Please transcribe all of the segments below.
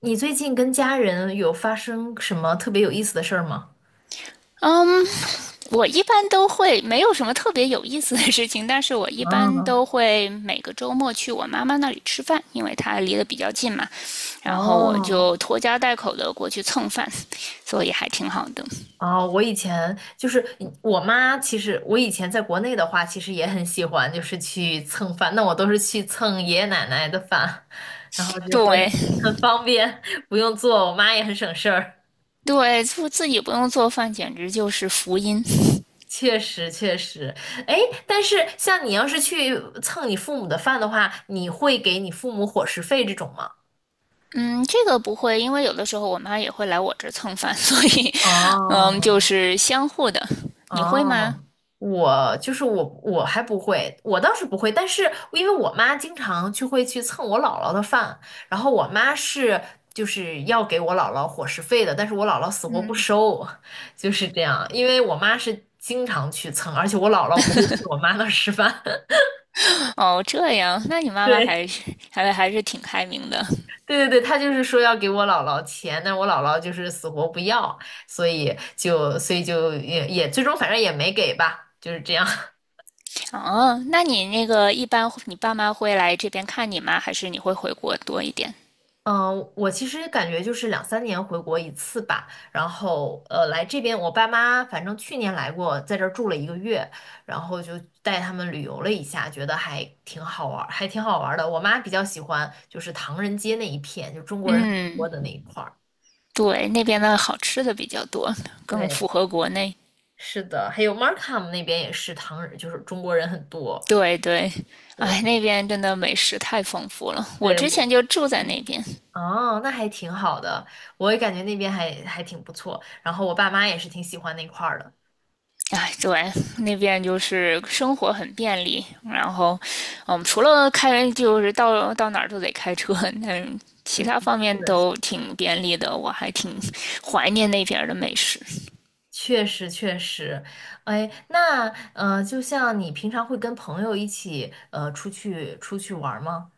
你最近跟家人有发生什么特别有意思的事儿吗？嗯，我一般都会没有什么特别有意思的事情，但是我一般啊，都会每个周末去我妈妈那里吃饭，因为她离得比较近嘛，然后我哦，就拖家带口的过去蹭饭，所以还挺好的。哦，我以前就是我妈，其实我以前在国内的话，其实也很喜欢，就是去蹭饭。那我都是去蹭爷爷奶奶的饭，然后就会对很方便，不用做，我妈也很省事儿。对，自己不用做饭，简直就是福音。确实，确实。哎，但是像你要是去蹭你父母的饭的话，你会给你父母伙食费这种吗？嗯，这个不会，因为有的时候我妈也会来我这儿蹭饭，所以，就哦，是相互的。你会吗？哦，我还不会，我倒是不会，但是因为我妈经常就会去蹭我姥姥的饭，然后我妈是就是要给我姥姥伙食费的，但是我姥姥死活不嗯，收，就是这样，因为我妈是经常去蹭，而且我姥姥不会去我妈那儿吃饭，哦，这样，那你妈妈对。还是挺开明的。对对对，她就是说要给我姥姥钱，但是我姥姥就是死活不要，所以就也最终反正也没给吧，就是这样。哦，那你一般你爸妈会来这边看你吗？还是你会回国多一点？嗯，我其实感觉就是两三年回国一次吧，然后来这边，我爸妈反正去年来过，在这儿住了一个月，然后就带他们旅游了一下，觉得还挺好玩儿，还挺好玩儿的。我妈比较喜欢就是唐人街那一片，就中国人很多嗯，的那一块儿。对，那边的好吃的比较多，更符对，合国内。是的，还有 Markham 那边也是唐人，就是中国人很多。对对，哎，对，那边真的美食太丰富了。我对，之我。前就住在那嗯。边。哦，那还挺好的，我也感觉那边还挺不错。然后我爸妈也是挺喜欢那块儿的。哎，对，那边就是生活很便利。然后，除了开，就是到哪儿都得开车，其嗯，他方是面的是的，都挺便利的。我还挺怀念那边儿的美食。确实确实。哎，那就像你平常会跟朋友一起出去玩儿吗？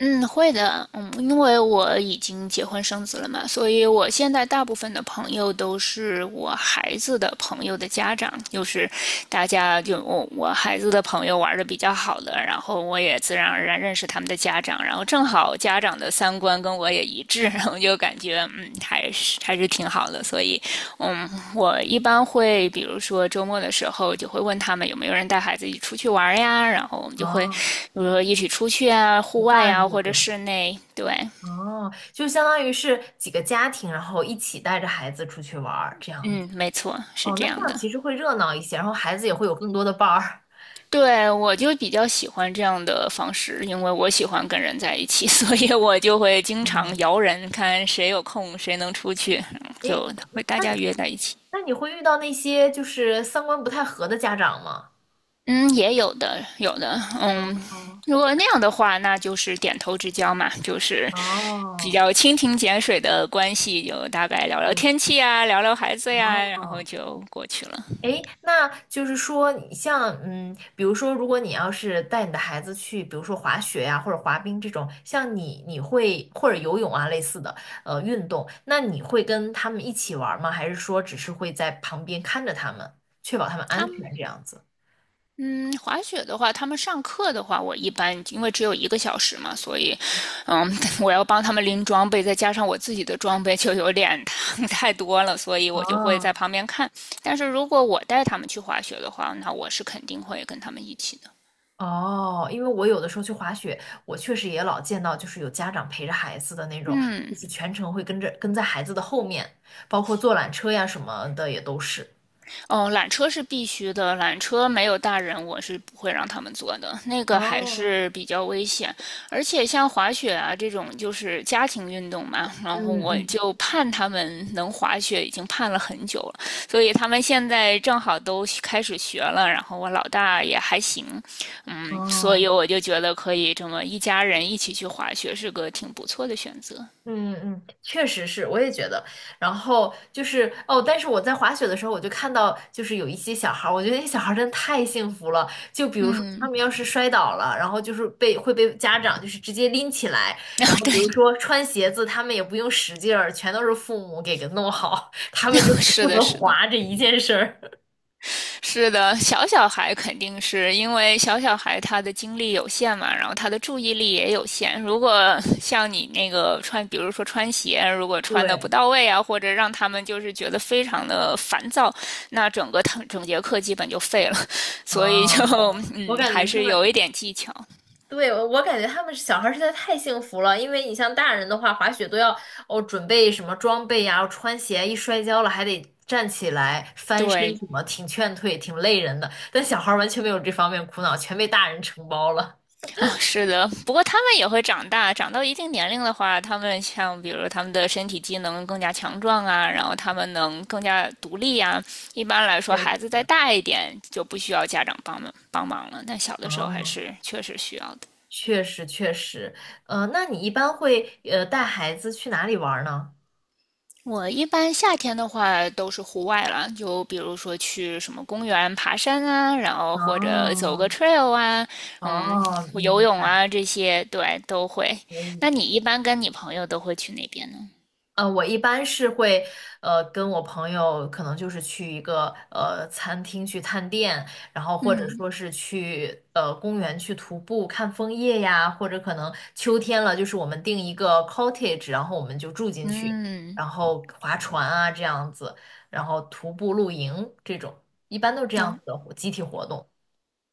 嗯，会的，因为我已经结婚生子了嘛，所以我现在大部分的朋友都是我孩子的朋友的家长，就是大家就我孩子的朋友玩的比较好的，然后我也自然而然认识他们的家长，然后正好家长的三观跟我也一致，然后就感觉还是挺好的，所以嗯，我一般会，比如说周末的时候，就会问他们有没有人带孩子一起出去玩呀，然后我们就会，比哦，如说一起出去啊，陪户外伴呀，这或者种。室内。对，哦，就相当于是几个家庭，然后一起带着孩子出去玩儿这样子。嗯，没错，是哦，这那这样样的。其实会热闹一些，然后孩子也会有更多的伴儿。对，我就比较喜欢这样的方式，因为我喜欢跟人在一起，所以我就会经常哦，摇人，看谁有空，谁能出去，哎，就会大那家你约在一起。那你会遇到那些就是三观不太合的家长吗？嗯，也有的，有的，哦哦，如果那样的话，那就是点头之交嘛，就是比哦较蜻蜓点水的关系，就大概聊聊天气啊，聊聊孩子呀，然后哦。就过去了。诶，那就是说，你像嗯，比如说，如果你要是带你的孩子去，比如说滑雪呀、或者滑冰这种，像你会或者游泳啊类似的运动，那你会跟他们一起玩儿吗？还是说只是会在旁边看着他们，确保他们安他们，全这样子？嗯，滑雪的话，他们上课的话，我一般因为只有一个小时嘛，所以，嗯，我要帮他们拎装备，再加上我自己的装备就有点 太多了，所以我就会在哦，旁边看。但是如果我带他们去滑雪的话，那我是肯定会跟他们一起的。哦，因为我有的时候去滑雪，我确实也老见到，就是有家长陪着孩子的那种，就是嗯。全程会跟着跟在孩子的后面，包括坐缆车呀什么的也都是。哦，缆车是必须的，缆车没有大人，我是不会让他们坐的，那个还哦，是比较危险。而且像滑雪啊这种，就是家庭运动嘛，然后嗯我嗯。就盼他们能滑雪，已经盼了很久了。所以他们现在正好都开始学了，然后我老大也还行，所以哦，我就觉得可以这么一家人一起去滑雪，是个挺不错的选择。嗯嗯，确实是，我也觉得。然后就是哦，但是我在滑雪的时候，我就看到就是有一些小孩儿，我觉得那些小孩儿真的太幸福了。就比如说他嗯，们要是摔倒了，然后就是会被家长就是直接拎起来，然 后比如对，说穿鞋子，他们也不用使劲儿，全都是父母给弄好，他们就只是负的，责是的。滑这一件事儿。是的，小小孩肯定是因为小小孩他的精力有限嘛，然后他的注意力也有限。如果 像你那个穿，比如说穿鞋，如果穿的不对，到位啊，或者让他们就是觉得非常的烦躁，那整个堂整节课基本就废了。所以就 啊，我感觉还他是有一们点技巧。对，我感觉他们小孩儿实在太幸福了，因为你像大人的话，滑雪都要哦准备什么装备呀、穿鞋，一摔跤了还得站起来翻身对，什么，挺劝退，挺累人的。但小孩儿完全没有这方面苦恼，全被大人承包了。哦，是的，不过他们也会长大，长到一定年龄的话，他们像比如他们的身体机能更加强壮啊，然后他们能更加独立啊。一般来说，确实。孩子再大一点就不需要家长帮忙帮忙了，但小的时候还哦，是确实需要的。确实确实。那你一般会带孩子去哪里玩儿呢？我一般夏天的话都是户外了，就比如说去什么公园爬山啊，然后或者走哦个 trail 啊，嗯，哦，游明泳白，啊这些，对，都会。可以。那你一般跟你朋友都会去哪边呢？我一般是会，跟我朋友可能就是去一个餐厅去探店，然后或者嗯，说是去公园去徒步看枫叶呀，或者可能秋天了，就是我们订一个 cottage，然后我们就住进去，嗯，然后划船啊这样子，然后徒步露营这种，一般都是这样哦，子的活集体活动。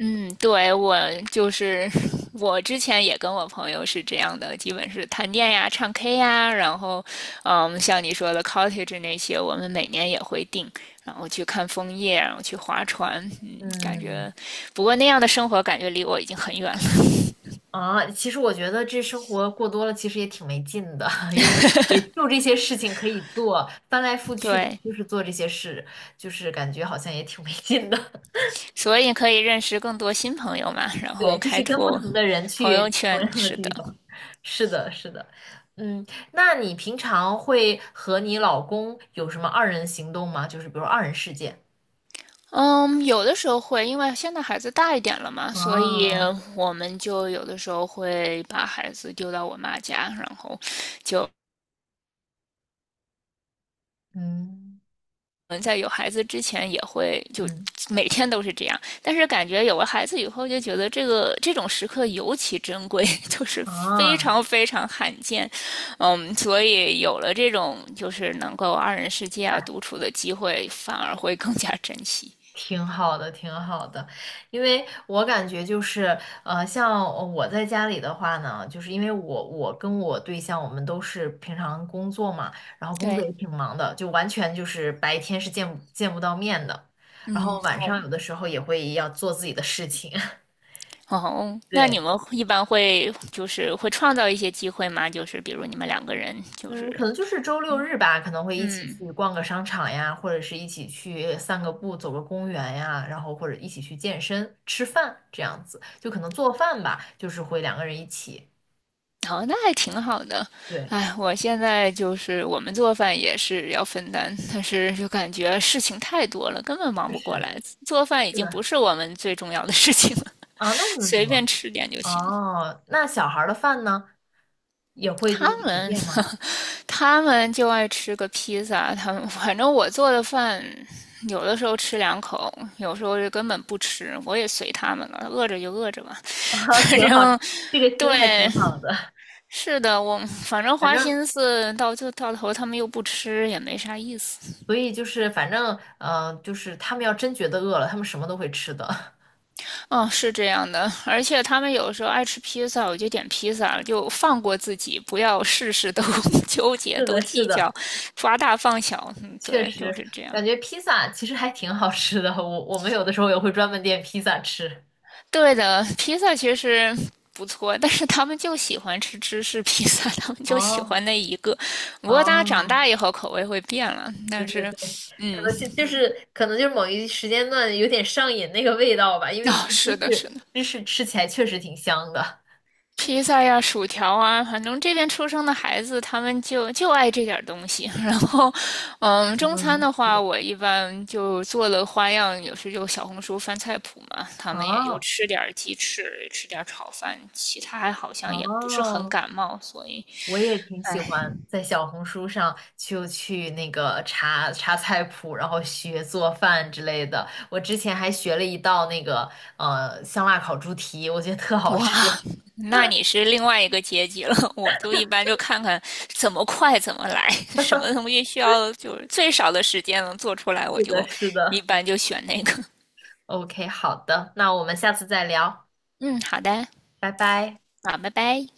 嗯，对，我就是 我之前也跟我朋友是这样的，基本是探店呀、唱 K 呀，然后，像你说的 cottage 那些，我们每年也会定，然后去看枫叶，然后去划船，嗯。不过那样的生活感觉离我已经很远了，啊，其实我觉得这生活过多了，其实也挺没劲的，因为也就这些事情可以做，翻来覆 去的对，就是做这些事，就是感觉好像也挺没劲的。所以可以认识更多新朋友嘛，然对，后就开是跟不拓同的人朋友去同圈，样的是的。地方。是的，是的。嗯，那你平常会和你老公有什么二人行动吗？就是比如说二人世界。嗯，有的时候会，因为现在孩子大一点了嘛，所以啊，我们就有的时候会把孩子丢到我妈家，然后就我嗯们在有孩子之前也会就嗯，每天都是这样，但是感觉有了孩子以后，就觉得这种时刻尤其珍贵，就是非啊，常非常罕见。所以有了这种就是能够二人世界啊独对。处的机会，反而会更加珍惜。挺好的，挺好的，因为我感觉就是，像我在家里的话呢，就是因为我跟我对象我们都是平常工作嘛，然后工作对，也挺忙的，就完全就是白天是见不到面的，然嗯，后晚好，上有的时候也会要做自己的事情，哦，那你对。们一般会就是会创造一些机会吗？就是比如你们两个人，就是嗯，可能就是周六日吧，可能会一起嗯，去逛个商场呀，或者是一起去散个步、走个公园呀，然后或者一起去健身、吃饭这样子，就可能做饭吧，就是会两个人一起。哦，那还挺好的。对，哎，我现在就是我们做饭也是要分担，但是就感觉事情太多了，根本忙确不过实，来。做饭已是经不的。是我们最重要的事情了，啊，那你们怎随便么？吃点就行。哦，那小孩儿的饭呢，也会就他是随们 便吗？他们就爱吃个披萨，他们反正我做的饭，有的时候吃两口，有时候就根本不吃，我也随他们了，饿着就饿着吧，啊，反挺好，正。这个对，心态挺好的。是的，我反正反花正，心思到就到头，他们又不吃，也没啥意思。所以就是反正，嗯、就是他们要真觉得饿了，他们什么都会吃的。嗯，是这样的，而且他们有时候爱吃披萨，我就点披萨了，就放过自己，不要事事都 纠 结、是都的，是计的。较，抓大放小。嗯，确对，就实，是这样。感觉披萨其实还挺好吃的。我们有的时候也会专门点披萨吃。对的，披萨其实不错，但是他们就喜欢吃芝士披萨，他们就喜哦欢那一个。不过大家长哦，大以后口味会变了，对但对是，对，可嗯，能是就是可能就是某一时间段有点上瘾那个味道吧，因为其哦，实是的，是士的，芝士吃起来确实挺香的。披萨呀、薯条啊，反正这边出生的孩子他们就爱这点东西。然后，中餐嗯，的是话，的。我一般就做了花样，有时就小红书翻菜谱嘛，他们也就哦吃点鸡翅，吃点炒饭，其他还好像也不是很哦，感冒，所以。我也挺喜哎，欢在小红书上就去那个查查菜谱，然后学做饭之类的。我之前还学了一道那个香辣烤猪蹄，我觉得特 好吃。哇，那你 是另外一个阶级了。我就一般就看看怎么快怎么来，什么东西需要就是最少的时间能做出来，我是的，就是一的。般就选那个。OK，好的，那我们下次再聊，嗯，好的，拜拜。好，拜拜。